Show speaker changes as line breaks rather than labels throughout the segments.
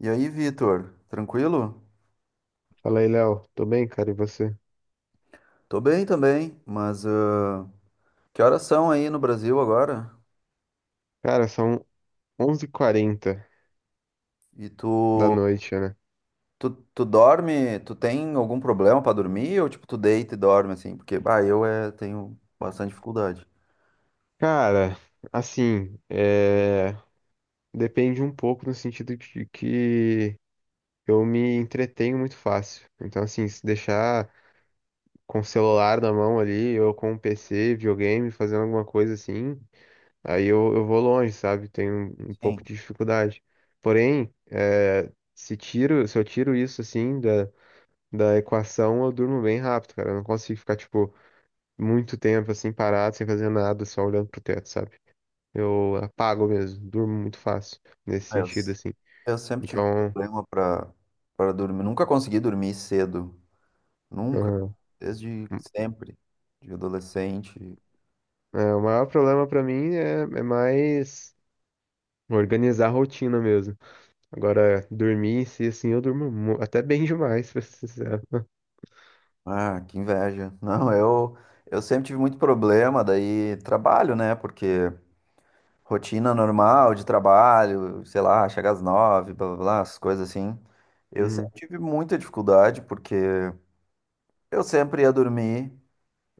E aí, Vitor, tranquilo?
Fala aí, Léo. Tô bem, cara, e você?
Tô bem também, mas que horas são aí no Brasil agora?
Cara, são onze h 40
E tu,
da noite, né?
tu, tu dorme, tu tem algum problema pra dormir ou tipo tu deita e dorme assim? Porque bah, eu tenho bastante dificuldade.
Cara, assim, é... depende um pouco no sentido de que eu me entretenho muito fácil. Então, assim, se deixar com o celular na mão ali, ou com o PC, videogame, fazendo alguma coisa assim, aí eu vou longe, sabe? Tenho um pouco
Sim,
de dificuldade. Porém, se eu tiro isso, assim, da equação, eu durmo bem rápido, cara. Eu não consigo ficar, tipo muito tempo assim parado, sem fazer nada, só olhando pro teto, sabe? Eu apago mesmo, durmo muito fácil nesse
eu,
sentido assim.
eu sempre tive
Então,
problema pra para dormir, nunca consegui dormir cedo, nunca,
ah,
desde sempre, de adolescente.
é, o maior problema pra mim é mais organizar a rotina mesmo. Agora, dormir em si, assim, eu durmo mu- até bem demais, pra ser sincero.
Ah, que inveja. Não, eu sempre tive muito problema, daí trabalho, né? Porque rotina normal de trabalho, sei lá, chega às 9, blá blá blá, as coisas assim. Eu sempre
Uhum,
tive muita dificuldade porque eu sempre ia dormir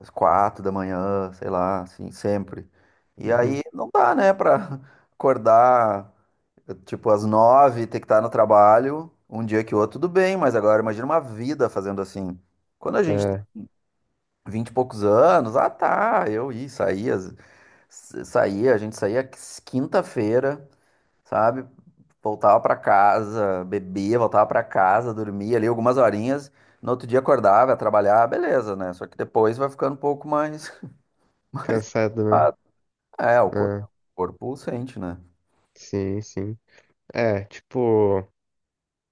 às 4 da manhã, sei lá, assim, sempre. E
uhum.
aí não dá, né, pra acordar tipo às 9, ter que estar no trabalho, um dia que o outro, tudo bem, mas agora imagina uma vida fazendo assim. Quando a gente tem
É,
vinte e poucos anos, ah tá, eu ia, saía, a gente saía quinta-feira, sabe? Voltava pra casa, bebia, voltava pra casa, dormia ali algumas horinhas. No outro dia acordava, ia trabalhar, beleza, né? Só que depois vai ficando um pouco mais.
cansado, né?
Ah, é, o corpo,
É,
o corpo sente, né?
sim, sim. É, tipo,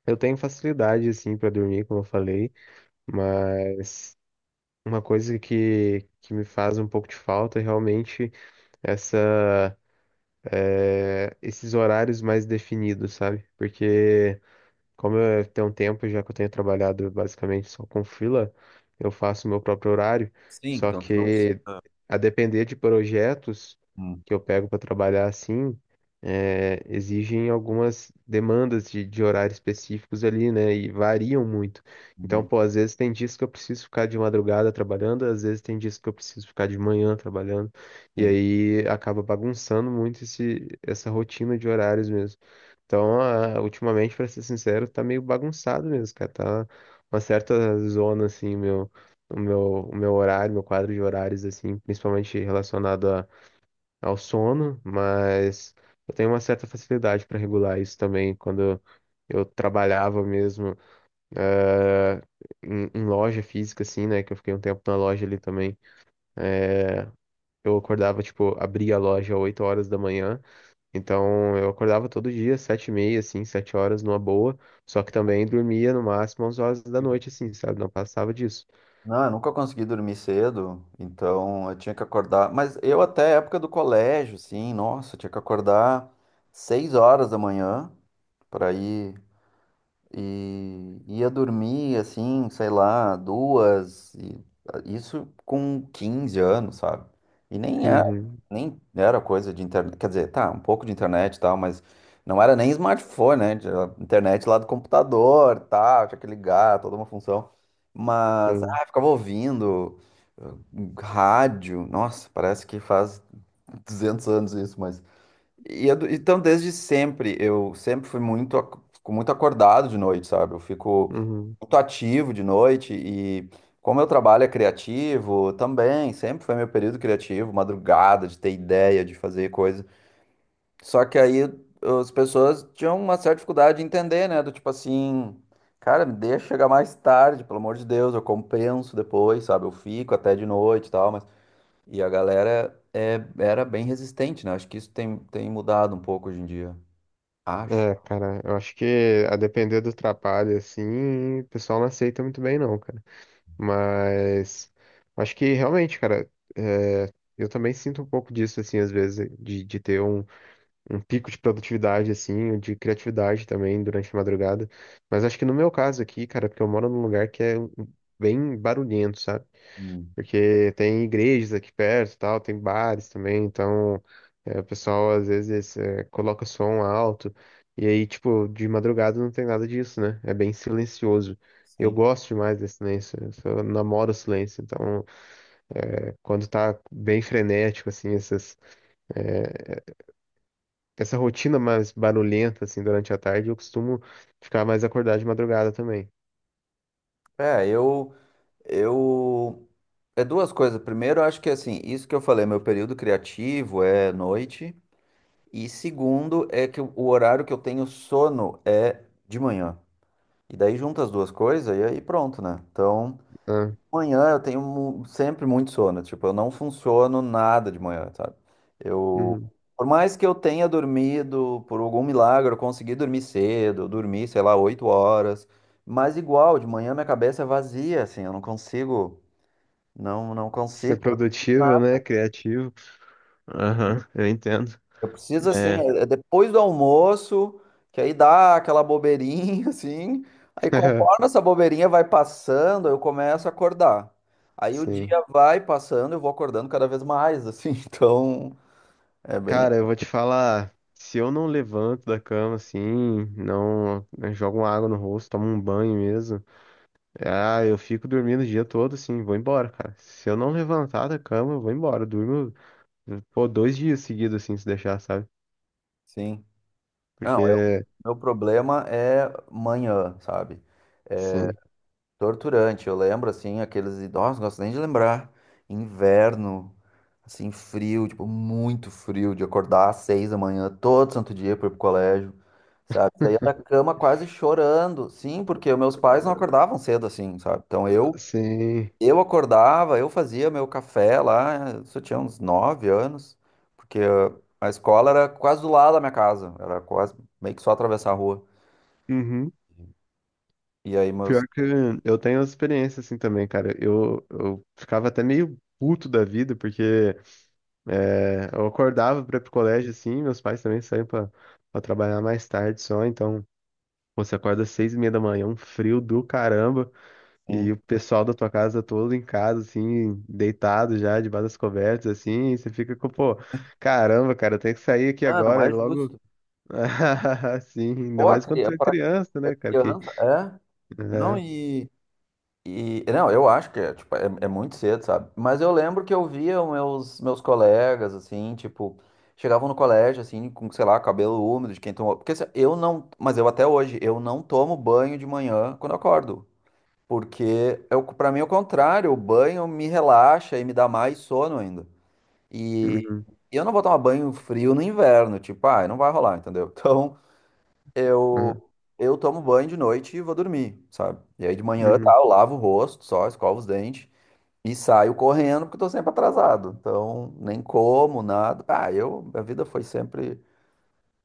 eu tenho facilidade, assim, pra dormir, como eu falei, mas uma coisa que me faz um pouco de falta é realmente essa, esses horários mais definidos, sabe? Porque como eu tenho um tempo já que eu tenho trabalhado basicamente só com freela, eu faço meu próprio horário,
Sim,
só
então tu não precisa.
que a depender de projetos
Hum,
que eu pego para trabalhar assim, exigem algumas demandas de horários específicos ali, né? E variam muito. Então,
uhum,
pô, às vezes tem dias que eu preciso ficar de madrugada trabalhando, às vezes tem dias que eu preciso ficar de manhã trabalhando, e
sim.
aí acaba bagunçando muito essa rotina de horários mesmo. Então, ultimamente, pra ser sincero, tá meio bagunçado mesmo, cara. Tá uma certa zona, assim, meu, o meu, o meu horário, meu quadro de horários, assim, principalmente ao sono, mas eu tenho uma certa facilidade para regular isso também. Quando eu trabalhava mesmo, eh, em loja física, assim, né? Que eu fiquei um tempo na loja ali também. É, eu acordava, tipo, abria a loja às 8 horas da manhã. Então eu acordava todo dia, 7h30, assim, 7 horas numa boa. Só que também dormia no máximo às horas da noite, assim, sabe? Não passava disso.
Não, eu nunca consegui dormir cedo, então eu tinha que acordar. Mas eu até época do colégio, sim, nossa, eu tinha que acordar 6 horas da manhã para ir. E ia dormir assim, sei lá, duas, e isso com 15 anos, sabe? E nem era,
Uhum,
nem era coisa de internet, quer dizer, tá, um pouco de internet e tal, mas não era nem smartphone, né? Era internet lá do computador, tá, tinha que ligar, toda uma função. Mas,
sim.
ficava ouvindo rádio, nossa, parece que faz 200 anos isso, mas então, desde sempre, eu sempre fui muito, fico muito acordado de noite, sabe? Eu fico
Uhum.
muito ativo de noite e como meu trabalho é criativo, também, sempre foi meu período criativo, madrugada, de ter ideia, de fazer coisa. Só que aí as pessoas tinham uma certa dificuldade de entender, né? Do tipo assim, cara, me deixa chegar mais tarde, pelo amor de Deus, eu compenso depois, sabe? Eu fico até de noite e tal, mas e a galera é, era bem resistente, né? Acho que isso tem mudado um pouco hoje em dia. Acho.
É, cara, eu acho que a depender do trabalho, assim, o pessoal não aceita muito bem, não, cara. Mas eu acho que realmente, cara, é, eu também sinto um pouco disso, assim, às vezes, de ter um um pico de produtividade, assim, de criatividade também durante a madrugada. Mas acho que no meu caso aqui, cara, porque eu moro num lugar bem barulhento, sabe?
Hum,
Porque tem igrejas aqui perto e tal, tem bares também, então é, o pessoal às vezes é, coloca som alto. E aí, tipo, de madrugada não tem nada disso, né? É bem silencioso. Eu
sim.
gosto demais desse silêncio, eu só namoro o silêncio. Então, é, quando tá bem frenético, assim, essas. É, essa rotina mais barulhenta, assim, durante a tarde, eu costumo ficar mais acordado de madrugada também.
É, eu, eu. É duas coisas. Primeiro, eu acho que assim, isso que eu falei, meu período criativo é noite. E segundo, é que o horário que eu tenho sono é de manhã. E daí junta as duas coisas e aí pronto, né? Então.
Ah,
Manhã eu tenho sempre muito sono, tipo, eu não funciono nada de manhã, sabe? Eu,
uhum.
por mais que eu tenha dormido, por algum milagre, eu consegui dormir cedo, eu dormi, sei lá, 8 horas, mas igual, de manhã minha cabeça é vazia, assim, eu não consigo, não, não
Ser
consigo.
produtivo, né? Criativo. Aham, eu entendo.
Eu preciso, assim,
É,
é depois do almoço, que aí dá aquela bobeirinha, assim. Aí, conforme essa bobeirinha vai passando, eu começo a acordar. Aí o
sim.
dia vai passando, eu vou acordando cada vez mais, assim. Então, é bem
Cara, eu vou te falar, se eu não levanto da cama, assim, não, eu jogo uma água no rosto, tomo um banho mesmo, ah, eu fico dormindo o dia todo, assim, vou embora, cara. Se eu não levantar da cama, eu vou embora, eu durmo, pô, 2 dias seguidos, assim, se deixar, sabe?
assim. Não, eu,
Porque,
meu problema é manhã, sabe?
sim.
Torturante, eu lembro assim, aqueles idosos, não gosto nem de lembrar. Inverno, assim, frio, tipo, muito frio, de acordar às 6 da manhã, todo santo dia para ir pro colégio, sabe? Saía da cama quase chorando, sim, porque os meus pais não acordavam cedo assim, sabe? Então
Sim.
eu acordava, eu fazia meu café lá, isso eu tinha uns 9 anos, porque a escola era quase do lado da minha casa, era quase meio que só atravessar a rua.
Uhum.
E aí meus.
Pior que eu tenho experiência assim também, cara. Eu ficava até meio puto da vida, porque é, eu acordava pra ir pro colégio assim, meus pais também pra trabalhar mais tarde só, então pô, você acorda às 6h30 da manhã, um frio do caramba, e
Sim.
o pessoal da tua casa todo em casa, assim, deitado já, debaixo das cobertas, assim, e você fica com, pô, caramba, cara, eu tenho que sair aqui
Ah, não
agora e
é
logo.
justo.
Sim, ainda
Pô,
mais quando
cria,
tu é criança,
é
né, cara? Que,
criança, é? Não,
né,
e, Não, eu acho que é, tipo, é muito cedo, sabe? Mas eu lembro que eu via os meus colegas, assim, tipo, chegavam no colégio, assim, com, sei lá, cabelo úmido de quem tomou. Porque assim, eu não. Mas eu até hoje, eu não tomo banho de manhã quando eu acordo. Porque eu, pra mim é o contrário, o banho me relaxa e me dá mais sono ainda. E
uhum,
eu não vou tomar banho frio no inverno, tipo, ah, não vai rolar, entendeu? Então.
aham,
Eu, eu tomo banho de noite e vou dormir, sabe? E aí de manhã, tá,
uhum.
eu lavo o rosto só, escovo os dentes e saio correndo porque eu tô sempre atrasado. Então, nem como, nada. Ah, eu, a vida foi sempre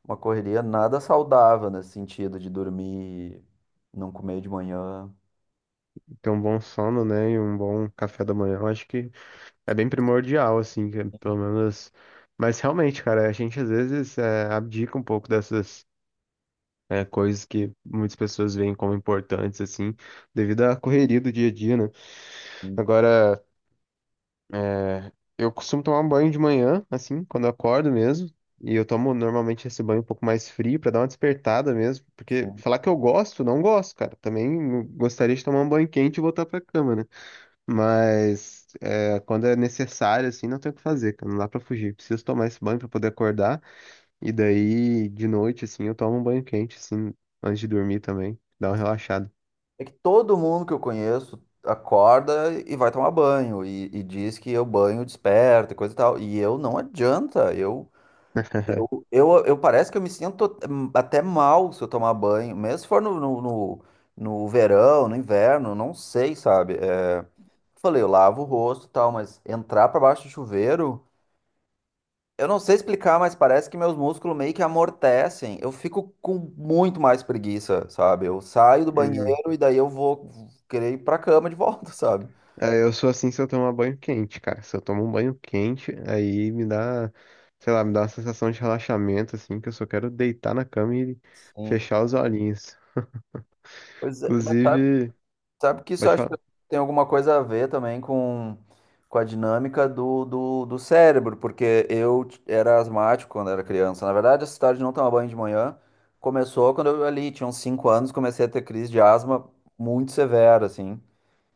uma correria nada saudável nesse sentido de dormir, não comer de manhã.
Então, um bom sono, né, e um bom café da manhã, eu acho que é bem primordial, assim, que é pelo menos... Mas realmente, cara, a gente às vezes é, abdica um pouco dessas é, coisas que muitas pessoas veem como importantes, assim, devido à correria do dia a dia, né?
Sim,
Agora, é, eu costumo tomar um banho de manhã, assim, quando eu acordo mesmo. E eu tomo normalmente esse banho um pouco mais frio pra dar uma despertada mesmo. Porque
sim.
falar que eu gosto, não gosto, cara. Também gostaria de tomar um banho quente e voltar pra cama, né? Mas é, quando é necessário, assim, não tem o que fazer, cara. Não dá pra fugir. Preciso tomar esse banho pra poder acordar. E daí, de noite, assim, eu tomo um banho quente, assim, antes de dormir também. Dá uma
Mas
relaxada.
é que todo mundo que eu conheço acorda e vai tomar banho e diz que eu banho desperta e coisa e tal. E eu não adianta, eu Eu, eu, eu parece que eu me sinto até mal se eu tomar banho, mesmo se for no verão, no inverno, não sei, sabe? É, falei, eu lavo o rosto e tal, mas entrar pra baixo do chuveiro, eu não sei explicar, mas parece que meus músculos meio que amortecem. Eu fico com muito mais preguiça, sabe? Eu saio do banheiro e daí eu vou querer ir pra cama de volta, sabe?
É, eu sou assim se eu tomar banho quente, cara. Se eu tomo um banho quente, aí me dá, sei lá, me dá uma sensação de relaxamento, assim, que eu só quero deitar na cama e
Sim.
fechar os olhinhos.
Pois é,
Inclusive,
sabe que isso eu
pode
acho que
falar.
tem alguma coisa a ver também com, a dinâmica do cérebro, porque eu era asmático quando era criança. Na verdade, essa história de não tomar banho de manhã começou quando eu ali tinha uns 5 anos, comecei a ter crise de asma muito severa, assim.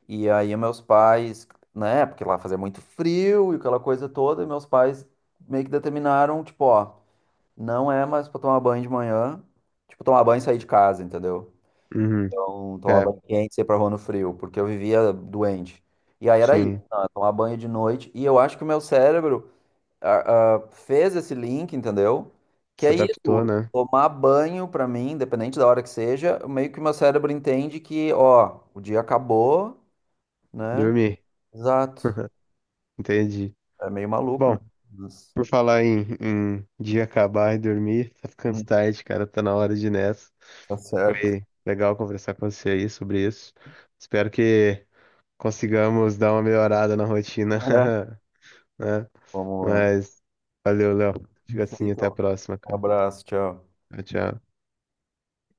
E aí meus pais, né, porque lá fazia muito frio e aquela coisa toda, e meus pais meio que determinaram, tipo, ó, não é mais pra tomar banho de manhã, tipo, tomar banho e sair de casa, entendeu?
Uhum,
Então, tomar
é,
banho quente, sair pra rua no frio, porque eu vivia doente. E aí era isso,
sim,
não, é tomar banho de noite. E eu acho que o meu cérebro fez esse link, entendeu? Que
se
é
adaptou,
isso,
né?
tomar banho pra mim, independente da hora que seja, meio que o meu cérebro entende que, ó, o dia acabou, né?
Dormir,
Exato.
entendi.
É meio maluco, né?
Bom,
Mas,
por falar em, em dia acabar e dormir, tá ficando
hum,
tarde, cara, tá na hora de ir nessa.
tá certo.
Foi legal conversar com você aí sobre isso. Espero que consigamos dar uma melhorada na rotina.
É.
Né?
Vamos lá.
Mas valeu, Léo. Fica assim, até a
Feito.
próxima,
Um
cara.
abraço, tchau.
Tchau, tchau.